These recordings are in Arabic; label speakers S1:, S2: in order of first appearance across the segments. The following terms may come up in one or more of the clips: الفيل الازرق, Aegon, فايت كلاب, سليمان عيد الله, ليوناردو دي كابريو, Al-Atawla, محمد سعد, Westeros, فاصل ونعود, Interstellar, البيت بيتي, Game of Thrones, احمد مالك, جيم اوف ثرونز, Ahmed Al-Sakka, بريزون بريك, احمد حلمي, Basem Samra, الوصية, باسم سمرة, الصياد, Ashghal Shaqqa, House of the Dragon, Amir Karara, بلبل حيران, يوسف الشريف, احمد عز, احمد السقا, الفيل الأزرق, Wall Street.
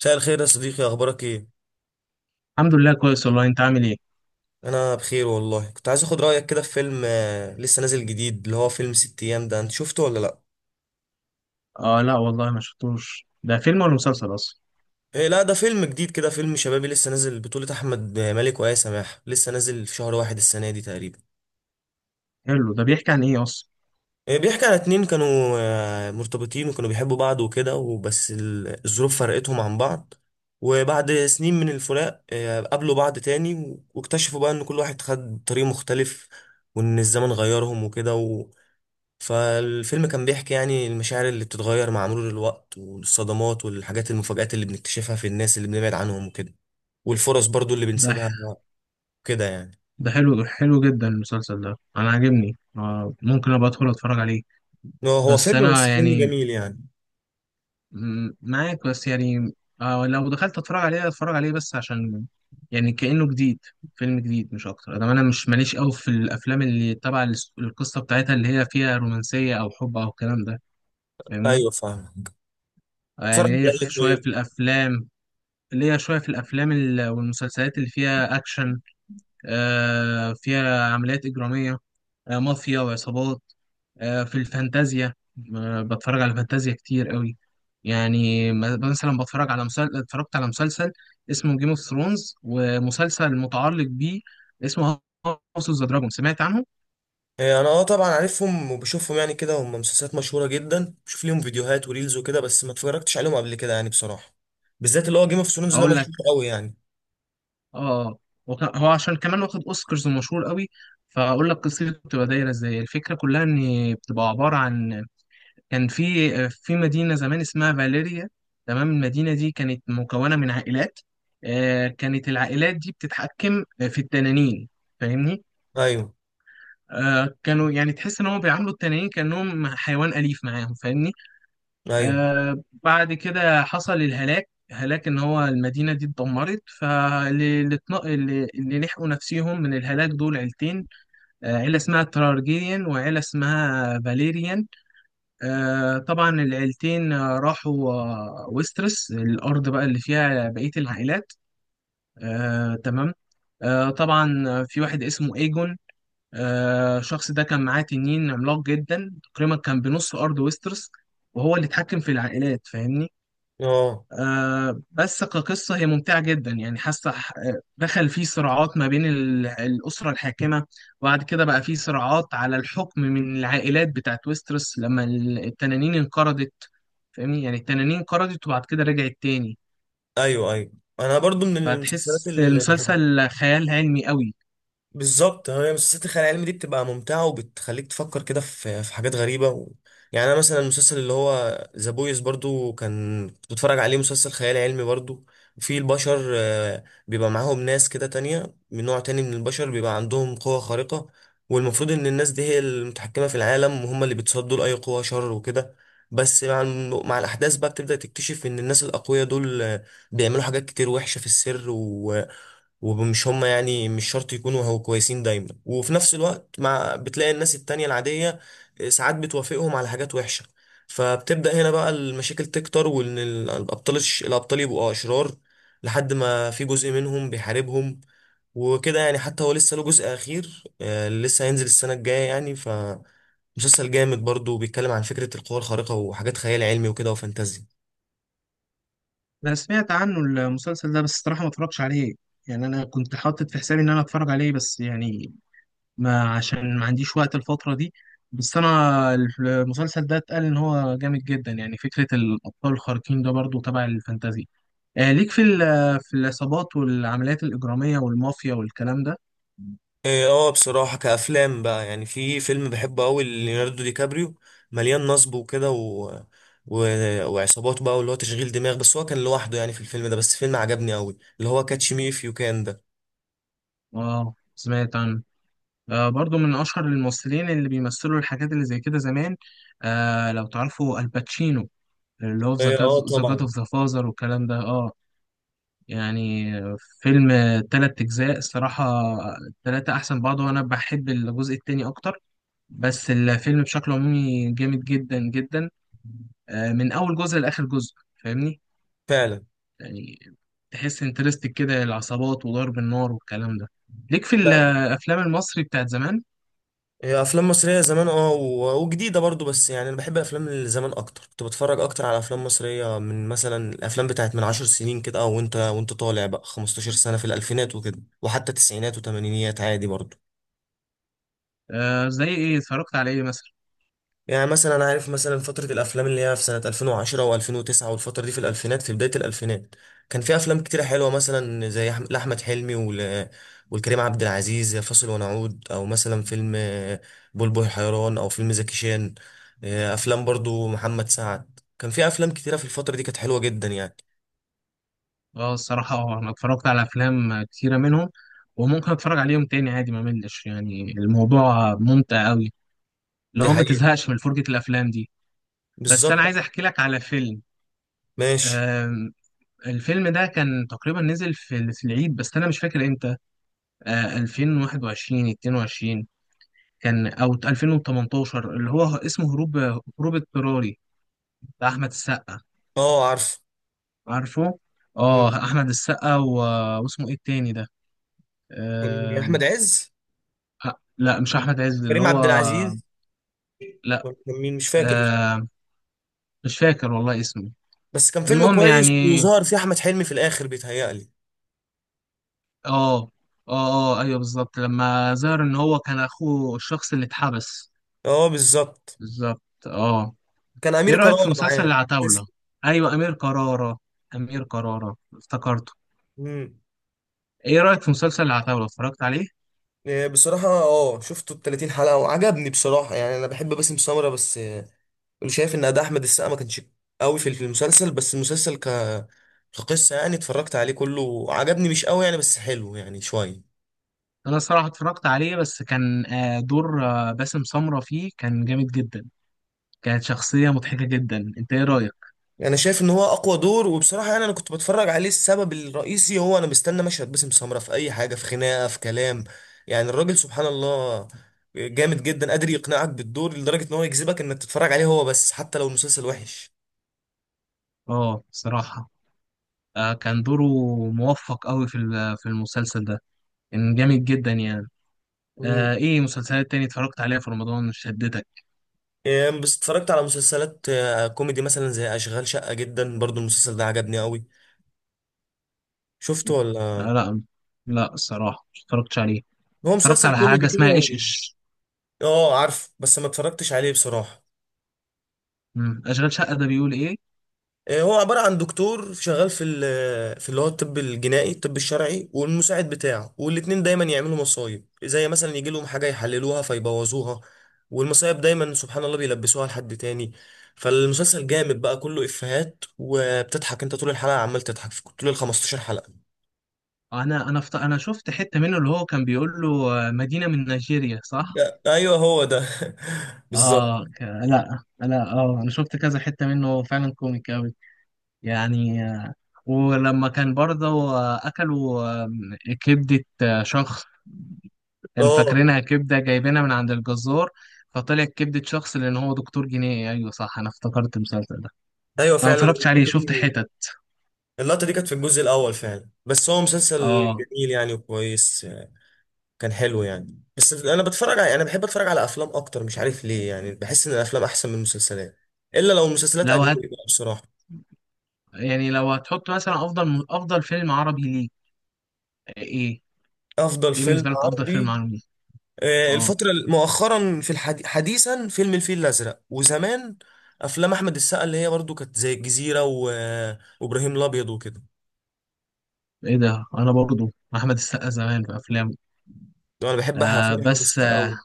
S1: مساء الخير يا صديقي، اخبارك ايه؟
S2: الحمد لله كويس والله، انت عامل ايه؟
S1: انا بخير والله. كنت عايز اخد رايك كده في فيلم لسه نازل جديد، اللي هو فيلم ست ايام ده. انت شفته ولا لا؟
S2: اه، لا والله ما شفتوش، ده فيلم ولا مسلسل اصلا.
S1: إيه لا، ده فيلم جديد كده، فيلم شبابي لسه نازل، بطولة احمد مالك وآية سماح. لسه نازل في شهر واحد السنه دي تقريبا.
S2: حلو، ده بيحكي عن ايه اصلا؟
S1: إيه، بيحكي على اتنين كانوا مرتبطين، وكانوا بيحبوا بعض وكده، وبس الظروف فرقتهم عن بعض. وبعد سنين من الفراق قابلوا بعض تاني، واكتشفوا بقى ان كل واحد خد طريق مختلف، وان الزمن غيرهم وكده. فالفيلم كان بيحكي يعني المشاعر اللي بتتغير مع مرور الوقت، والصدمات والحاجات المفاجآت اللي بنكتشفها في الناس اللي بنبعد عنهم وكده، والفرص برضو اللي
S2: ده
S1: بنسيبها كده يعني.
S2: ده حلو حلو جدا المسلسل ده، انا عاجبني. ممكن ابقى ادخل اتفرج عليه.
S1: هو هو
S2: بس
S1: فيلم،
S2: انا
S1: بس فيلم
S2: يعني
S1: جميل يعني.
S2: معاك، بس يعني لو دخلت اتفرج عليه، اتفرج عليه بس عشان يعني كأنه جديد، فيلم جديد مش اكتر. ده انا مش ماليش قوي في الافلام اللي تبع القصه بتاعتها اللي هي فيها رومانسيه او حب او الكلام ده. فاهمني؟
S1: ايوه فاهمك. اتفرج
S2: يعني
S1: على
S2: هي
S1: ايه
S2: شويه في
S1: طيب؟
S2: الافلام. ليا شوية في الأفلام والمسلسلات اللي فيها أكشن، فيها عمليات إجرامية، مافيا وعصابات، في الفانتازيا. بتفرج على فانتازيا كتير قوي. يعني مثلا بتفرج على مسلسل، اتفرجت على مسلسل اسمه جيم اوف ثرونز، ومسلسل متعلق بيه اسمه هاوس اوف ذا دراجون. سمعت عنه؟
S1: إيه، انا اه طبعا عارفهم وبشوفهم يعني كده، هم مسلسلات مشهورة جدا، بشوف ليهم فيديوهات وريلز وكده، بس ما اتفرجتش عليهم قبل كده يعني بصراحة. بالذات اللي هو جيم اوف ثرونز ده
S2: أقول لك.
S1: مشهور قوي يعني.
S2: آه آه. هو عشان كمان واخد أوسكارز ومشهور قوي. فأقول لك قصته بتبقى دايرة إزاي. الفكرة كلها إن بتبقى عبارة عن كان في مدينة زمان اسمها فاليريا. تمام؟ المدينة دي كانت مكونة من عائلات. كانت العائلات دي بتتحكم في التنانين. فاهمني؟
S1: ايوه
S2: كانوا يعني تحس ان هم بيعاملوا التنانين كأنهم حيوان أليف معاهم. فاهمني؟
S1: ايوه.
S2: بعد كده حصل الهلاك، هلاك ان هو المدينة دي اتدمرت. فاللي اللي اللي لحقوا نفسيهم من الهلاك دول عيلتين، عيلة اسمها ترارجيريان وعيلة اسمها فاليريان. طبعا العيلتين راحوا ويسترس، الأرض بقى اللي فيها بقية العائلات. تمام. طبعا في واحد اسمه ايجون. الشخص ده كان معاه تنين عملاق جدا، تقريبا كان بنص أرض ويسترس، وهو اللي اتحكم في العائلات. فاهمني؟
S1: اه
S2: بس كقصة هي ممتعة جدا. يعني دخل فيه صراعات ما بين الأسرة الحاكمة. وبعد كده بقى فيه صراعات على الحكم من العائلات بتاعت ويستروس لما التنانين انقرضت. فاهمني؟ يعني التنانين انقرضت وبعد كده رجعت تاني.
S1: ايوه ايوه. انا برضو من المسلسلات
S2: فهتحس
S1: اللي بحبها.
S2: المسلسل خيال علمي قوي.
S1: بالظبط، هي مسلسلات الخيال العلمي دي بتبقى ممتعة، وبتخليك تفكر كده في في حاجات غريبة و... يعني أنا مثلا المسلسل اللي هو ذا بويز برضو كان كنت بتفرج عليه، مسلسل خيال علمي برضو. في البشر بيبقى معاهم ناس كده تانية من نوع تاني من البشر، بيبقى عندهم قوة خارقة. والمفروض إن الناس دي هي المتحكمة في العالم، وهم اللي بيتصدوا لأي قوة شر وكده. بس مع مع الأحداث بقى بتبدأ تكتشف إن الناس الأقوياء دول بيعملوا حاجات كتير وحشة في السر و... ومش هم يعني مش شرط يكونوا هو كويسين دايما. وفي نفس الوقت مع بتلاقي الناس التانية العادية ساعات بتوافقهم على حاجات وحشة. فبتبدأ هنا بقى المشاكل تكتر، وإن الأبطال الأبطال يبقوا أشرار، لحد ما في جزء منهم بيحاربهم وكده يعني. حتى هو لسه له جزء أخير لسه هينزل السنة الجاية يعني. فمسلسل جامد برضه، بيتكلم عن فكرة القوى الخارقة وحاجات خيال علمي وكده وفانتازيا.
S2: أنا سمعت عنه المسلسل ده، بس الصراحة ما اتفرجتش عليه. يعني أنا كنت حاطط في حسابي إن أنا أتفرج عليه، بس يعني ما عشان ما عنديش وقت الفترة دي. بس أنا المسلسل ده اتقال إن هو جامد جدا. يعني فكرة الأبطال الخارقين ده برضو تبع الفانتازي. ليك في في العصابات والعمليات الإجرامية والمافيا والكلام ده.
S1: إيه، اه بصراحة كأفلام بقى، يعني في فيلم بحبه أوي ليوناردو دي كابريو، مليان نصب وكده و... و... وعصابات بقى، واللي هو تشغيل دماغ، بس هو كان لوحده يعني في الفيلم ده. بس فيلم عجبني أوي اللي هو كاتش مي إف يو كان ده.
S2: آه، سمعت عنه. برضو من أشهر الممثلين اللي بيمثلوا الحاجات اللي زي كده زمان. لو تعرفوا الباتشينو اللي هو في
S1: إيه، اه
S2: ذا جاد
S1: طبعا.
S2: أوف ذا فازر والكلام ده، اه. يعني فيلم تلات أجزاء الصراحة، التلاتة أحسن بعض، وأنا بحب الجزء التاني أكتر. بس الفيلم بشكل عمومي جامد جدا جدا، من أول جزء لآخر جزء. فاهمني؟
S1: فعلا.
S2: يعني تحس انترستك كده، العصابات وضرب النار والكلام ده. ليك في
S1: لا.
S2: الأفلام المصري بتاعت زمان؟
S1: إيه، أفلام مصرية زمان اه و... وجديدة برضو، بس يعني أنا بحب الأفلام اللي زمان أكتر. كنت بتفرج أكتر على أفلام مصرية من مثلا الأفلام بتاعت من عشر سنين كده، أو وأنت طالع بقى 15 سنة، في الألفينات وكده، وحتى تسعينات وتمانينيات عادي برضو.
S2: زي إيه، اتفرجت على إيه مثلا؟
S1: يعني مثلا انا عارف مثلا فترة الافلام اللي هي في سنة 2010 و2009، والفترة دي في الالفينات، في بداية الالفينات كان في افلام كتيرة حلوة، مثلا زي لاحمد حلمي ول... والكريم عبد العزيز، زي فاصل ونعود، او مثلا فيلم بلبل حيران، او فيلم زكي شان. افلام برضو محمد سعد كان في افلام كتيرة في الفترة دي كانت حلوة جدا يعني.
S2: اه، الصراحة اه، أنا اتفرجت على أفلام كتيرة منهم، وممكن أتفرج عليهم تاني عادي. ما ملش يعني، الموضوع ممتع أوي، اللي
S1: دي
S2: هو ما
S1: حقيقة.
S2: تزهقش من فرجة الأفلام دي. بس أنا
S1: بالظبط.
S2: عايز أحكي لك على فيلم.
S1: ماشي.
S2: آم، الفيلم ده كان تقريبا نزل في العيد، بس أنا مش فاكر إمتى. 2021 22 كان، أو 2018، اللي هو اسمه هروب، هروب اضطراري، بتاع أحمد السقا.
S1: اه عارف.
S2: عارفه؟ آه،
S1: مم.
S2: أحمد السقا واسمه إيه التاني ده؟
S1: كان احمد
S2: آم،
S1: عز؟
S2: أ- لا مش أحمد عز، اللي
S1: كريم
S2: هو
S1: عبد العزيز؟
S2: لا.
S1: كان مين مش فاكر.
S2: آم، مش فاكر والله اسمه.
S1: بس كان فيلم
S2: المهم
S1: كويس،
S2: يعني،
S1: وظهر فيه احمد حلمي في الاخر بيتهيألي.
S2: اه اه اه، ايوه بالظبط، لما ظهر ان هو كان اخوه الشخص اللي اتحبس.
S1: اه بالظبط.
S2: بالظبط، اه.
S1: كان
S2: ايه
S1: امير
S2: رأيك في
S1: كرارة
S2: مسلسل
S1: معاه. بس.
S2: العتاولة؟ ايوه، امير كرارة. امير كرارة افتكرته.
S1: امم.
S2: ايه رأيك في مسلسل العتاولة، اتفرجت عليه؟
S1: إيه، بصراحة اه شفته ال 30 حلقة وعجبني بصراحة، يعني انا بحب باسم سمرة، بس شايف ان اداء احمد السقا ما كانش قوي في في المسلسل. بس المسلسل كقصة يعني اتفرجت عليه كله، عجبني مش قوي يعني بس حلو يعني شوية.
S2: انا الصراحة اتفرجت عليه، بس كان دور باسم سمرة فيه كان جامد جدا، كانت شخصية مضحكة جدا. انت ايه رأيك؟
S1: انا شايف ان هو اقوى دور، وبصراحه يعني انا كنت بتفرج عليه السبب الرئيسي هو انا مستني مشهد باسم سمره في اي حاجه، في خناقه في كلام. يعني الراجل سبحان الله جامد جدا، قادر يقنعك بالدور لدرجه ان هو يجذبك انك تتفرج عليه هو بس حتى لو المسلسل وحش.
S2: اه، صراحة كان دوره موفق قوي في في المسلسل ده، كان جامد جدا يعني.
S1: امم.
S2: ايه مسلسلات تاني اتفرجت عليها في رمضان شدتك؟
S1: يعني بس اتفرجت على مسلسلات كوميدي، مثلا زي اشغال شقه، جدا برضو المسلسل ده عجبني قوي. شفته
S2: آه
S1: ولا؟
S2: لا، لا الصراحة مش اتفرجتش عليه.
S1: هو
S2: اتفرجت
S1: مسلسل
S2: على حاجة
S1: كوميدي كده
S2: اسمها ايش
S1: و-
S2: ايش.
S1: اه عارف بس ما اتفرجتش عليه بصراحه.
S2: اشغال شقة ده بيقول ايه؟
S1: هو عبارة عن دكتور شغال في في اللي هو الطب الجنائي، الطب الشرعي، والمساعد بتاعه، والاتنين دايما يعملوا مصايب. زي مثلا يجي لهم حاجة يحللوها فيبوظوها، والمصايب دايما سبحان الله بيلبسوها لحد تاني. فالمسلسل جامد بقى، كله إفيهات وبتضحك انت طول الحلقة، عمال تضحك في طول ال 15 حلقة.
S2: انا انا شفت حتة منه، اللي هو كان بيقول له مدينة من نيجيريا، صح؟
S1: ايوه هو ده بالظبط.
S2: اه، لا لا، اه انا شفت كذا حتة منه، هو فعلا كوميك قوي يعني. ولما كان برضه اكلوا كبدة شخص، كان
S1: اه
S2: فاكرينها كبدة جايبينها من عند الجزار، فطلعت كبدة شخص، لأن هو دكتور جنائي. أيوه صح، أنا افتكرت المسلسل ده.
S1: ايوه
S2: أنا
S1: فعلا
S2: متفرجتش عليه،
S1: اللقطة
S2: شفت
S1: دي.
S2: حتت.
S1: اللقطة دي كانت في الجزء الأول فعلا. بس هو مسلسل
S2: اه،
S1: جميل يعني وكويس. كان حلو يعني، بس انا بتفرج على، انا بحب اتفرج على افلام اكتر، مش عارف ليه، يعني بحس ان الافلام احسن من المسلسلات، الا لو مسلسلات
S2: لو
S1: اجنبي
S2: هت،
S1: بقى بصراحه.
S2: يعني لو هتحط مثلا أفضل أفضل فيلم عربي ليك إيه؟
S1: افضل
S2: إيه
S1: فيلم
S2: بالنسبة لك أفضل فيلم
S1: عربي
S2: عربي ليك؟ اه،
S1: الفتره مؤخرا في حديثا فيلم الفيل الازرق. وزمان افلام احمد السقا اللي هي برضو كانت زي الجزيره و... وابراهيم الابيض وكده.
S2: إيه ده أنا برضو أحمد السقا زمان في أفلامه.
S1: انا بحب افلام احمد
S2: بس
S1: السقا قوي.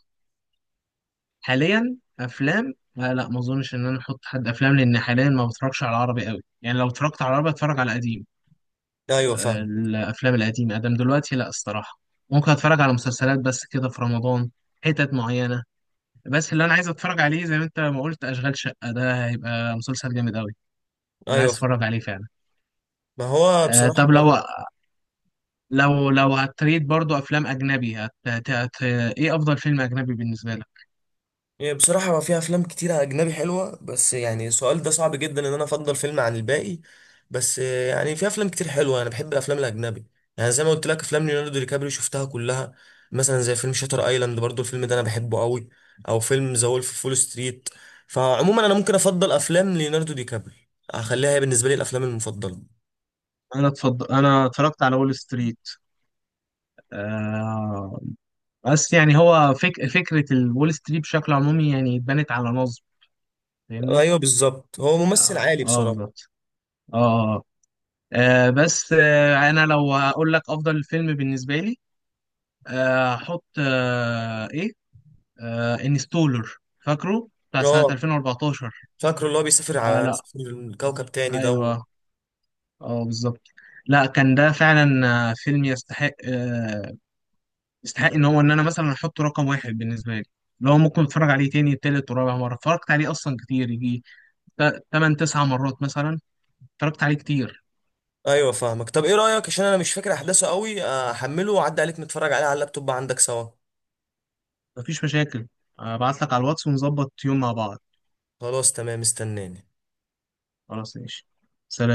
S2: حاليا أفلام، لا لا، ما أظنش إن أنا أحط حد أفلام، لأن حاليا ما بتفرجش على العربي قوي. يعني لو اتفرجت على العربي أتفرج على قديم.
S1: ايوه فاهم.
S2: الافلام القديمه ادم دلوقتي، لا الصراحه. ممكن اتفرج على مسلسلات بس كده في رمضان، حتت معينه. بس اللي انا عايز اتفرج عليه زي ما انت ما قلت، اشغال شقه ده هيبقى مسلسل جامد قوي. انا
S1: ايوه
S2: عايز اتفرج
S1: فاهم.
S2: عليه فعلا.
S1: ما هو
S2: أه،
S1: بصراحه.
S2: طب لو، لو لو هتريد برضو افلام اجنبي، ايه افضل فيلم اجنبي بالنسبه لك؟
S1: يعني بصراحة هو في أفلام كتيرة أجنبي حلوة، بس يعني السؤال ده صعب جدا إن أنا أفضل فيلم عن الباقي. بس يعني في أفلام كتير حلوة، أنا بحب الأفلام الأجنبي. يعني زي ما قلت لك أفلام ليوناردو دي كابريو شفتها كلها. مثلا زي فيلم شاتر أيلاند، برضو الفيلم ده أنا بحبه قوي. أو فيلم ذا وولف فول ستريت. فعموما أنا ممكن أفضل أفلام ليوناردو دي كابريو، أخليها هي بالنسبة لي الأفلام المفضلة.
S2: انا اتفضل، انا اتفرجت على وول ستريت. آه... بس يعني هو فكره الول ستريت بشكل عمومي يعني اتبنت على نصب. فاهمني؟
S1: أيوه بالظبط، هو ممثل
S2: اه،
S1: عالي
S2: آه،
S1: بصراحة.
S2: بالظبط، اه. بس انا لو اقول لك افضل فيلم بالنسبه لي، احط ايه، انستولر. فاكره؟ بتاع سنه
S1: أه.
S2: 2014.
S1: فاكره اللي هو بيسافر
S2: آه،
S1: على
S2: لا،
S1: كوكب تاني ده؟
S2: ايوه، اه بالظبط. لا كان ده فعلا فيلم يستحق، يستحق ان هو ان انا مثلا احطه رقم واحد بالنسبه لي. لو ممكن اتفرج عليه تاني، تالت ورابع مره. اتفرجت عليه اصلا كتير، يجي تمن تسع مرات مثلا، اتفرجت عليه كتير.
S1: ايوه فاهمك. طب ايه رايك، عشان انا مش فاكر احداثه قوي، احمله واعدي عليك نتفرج عليه على اللابتوب عندك سوا.
S2: مفيش مشاكل. ابعت لك على الواتس ونظبط يوم مع بعض.
S1: خلاص تمام، استناني.
S2: خلاص ماشي. سلام.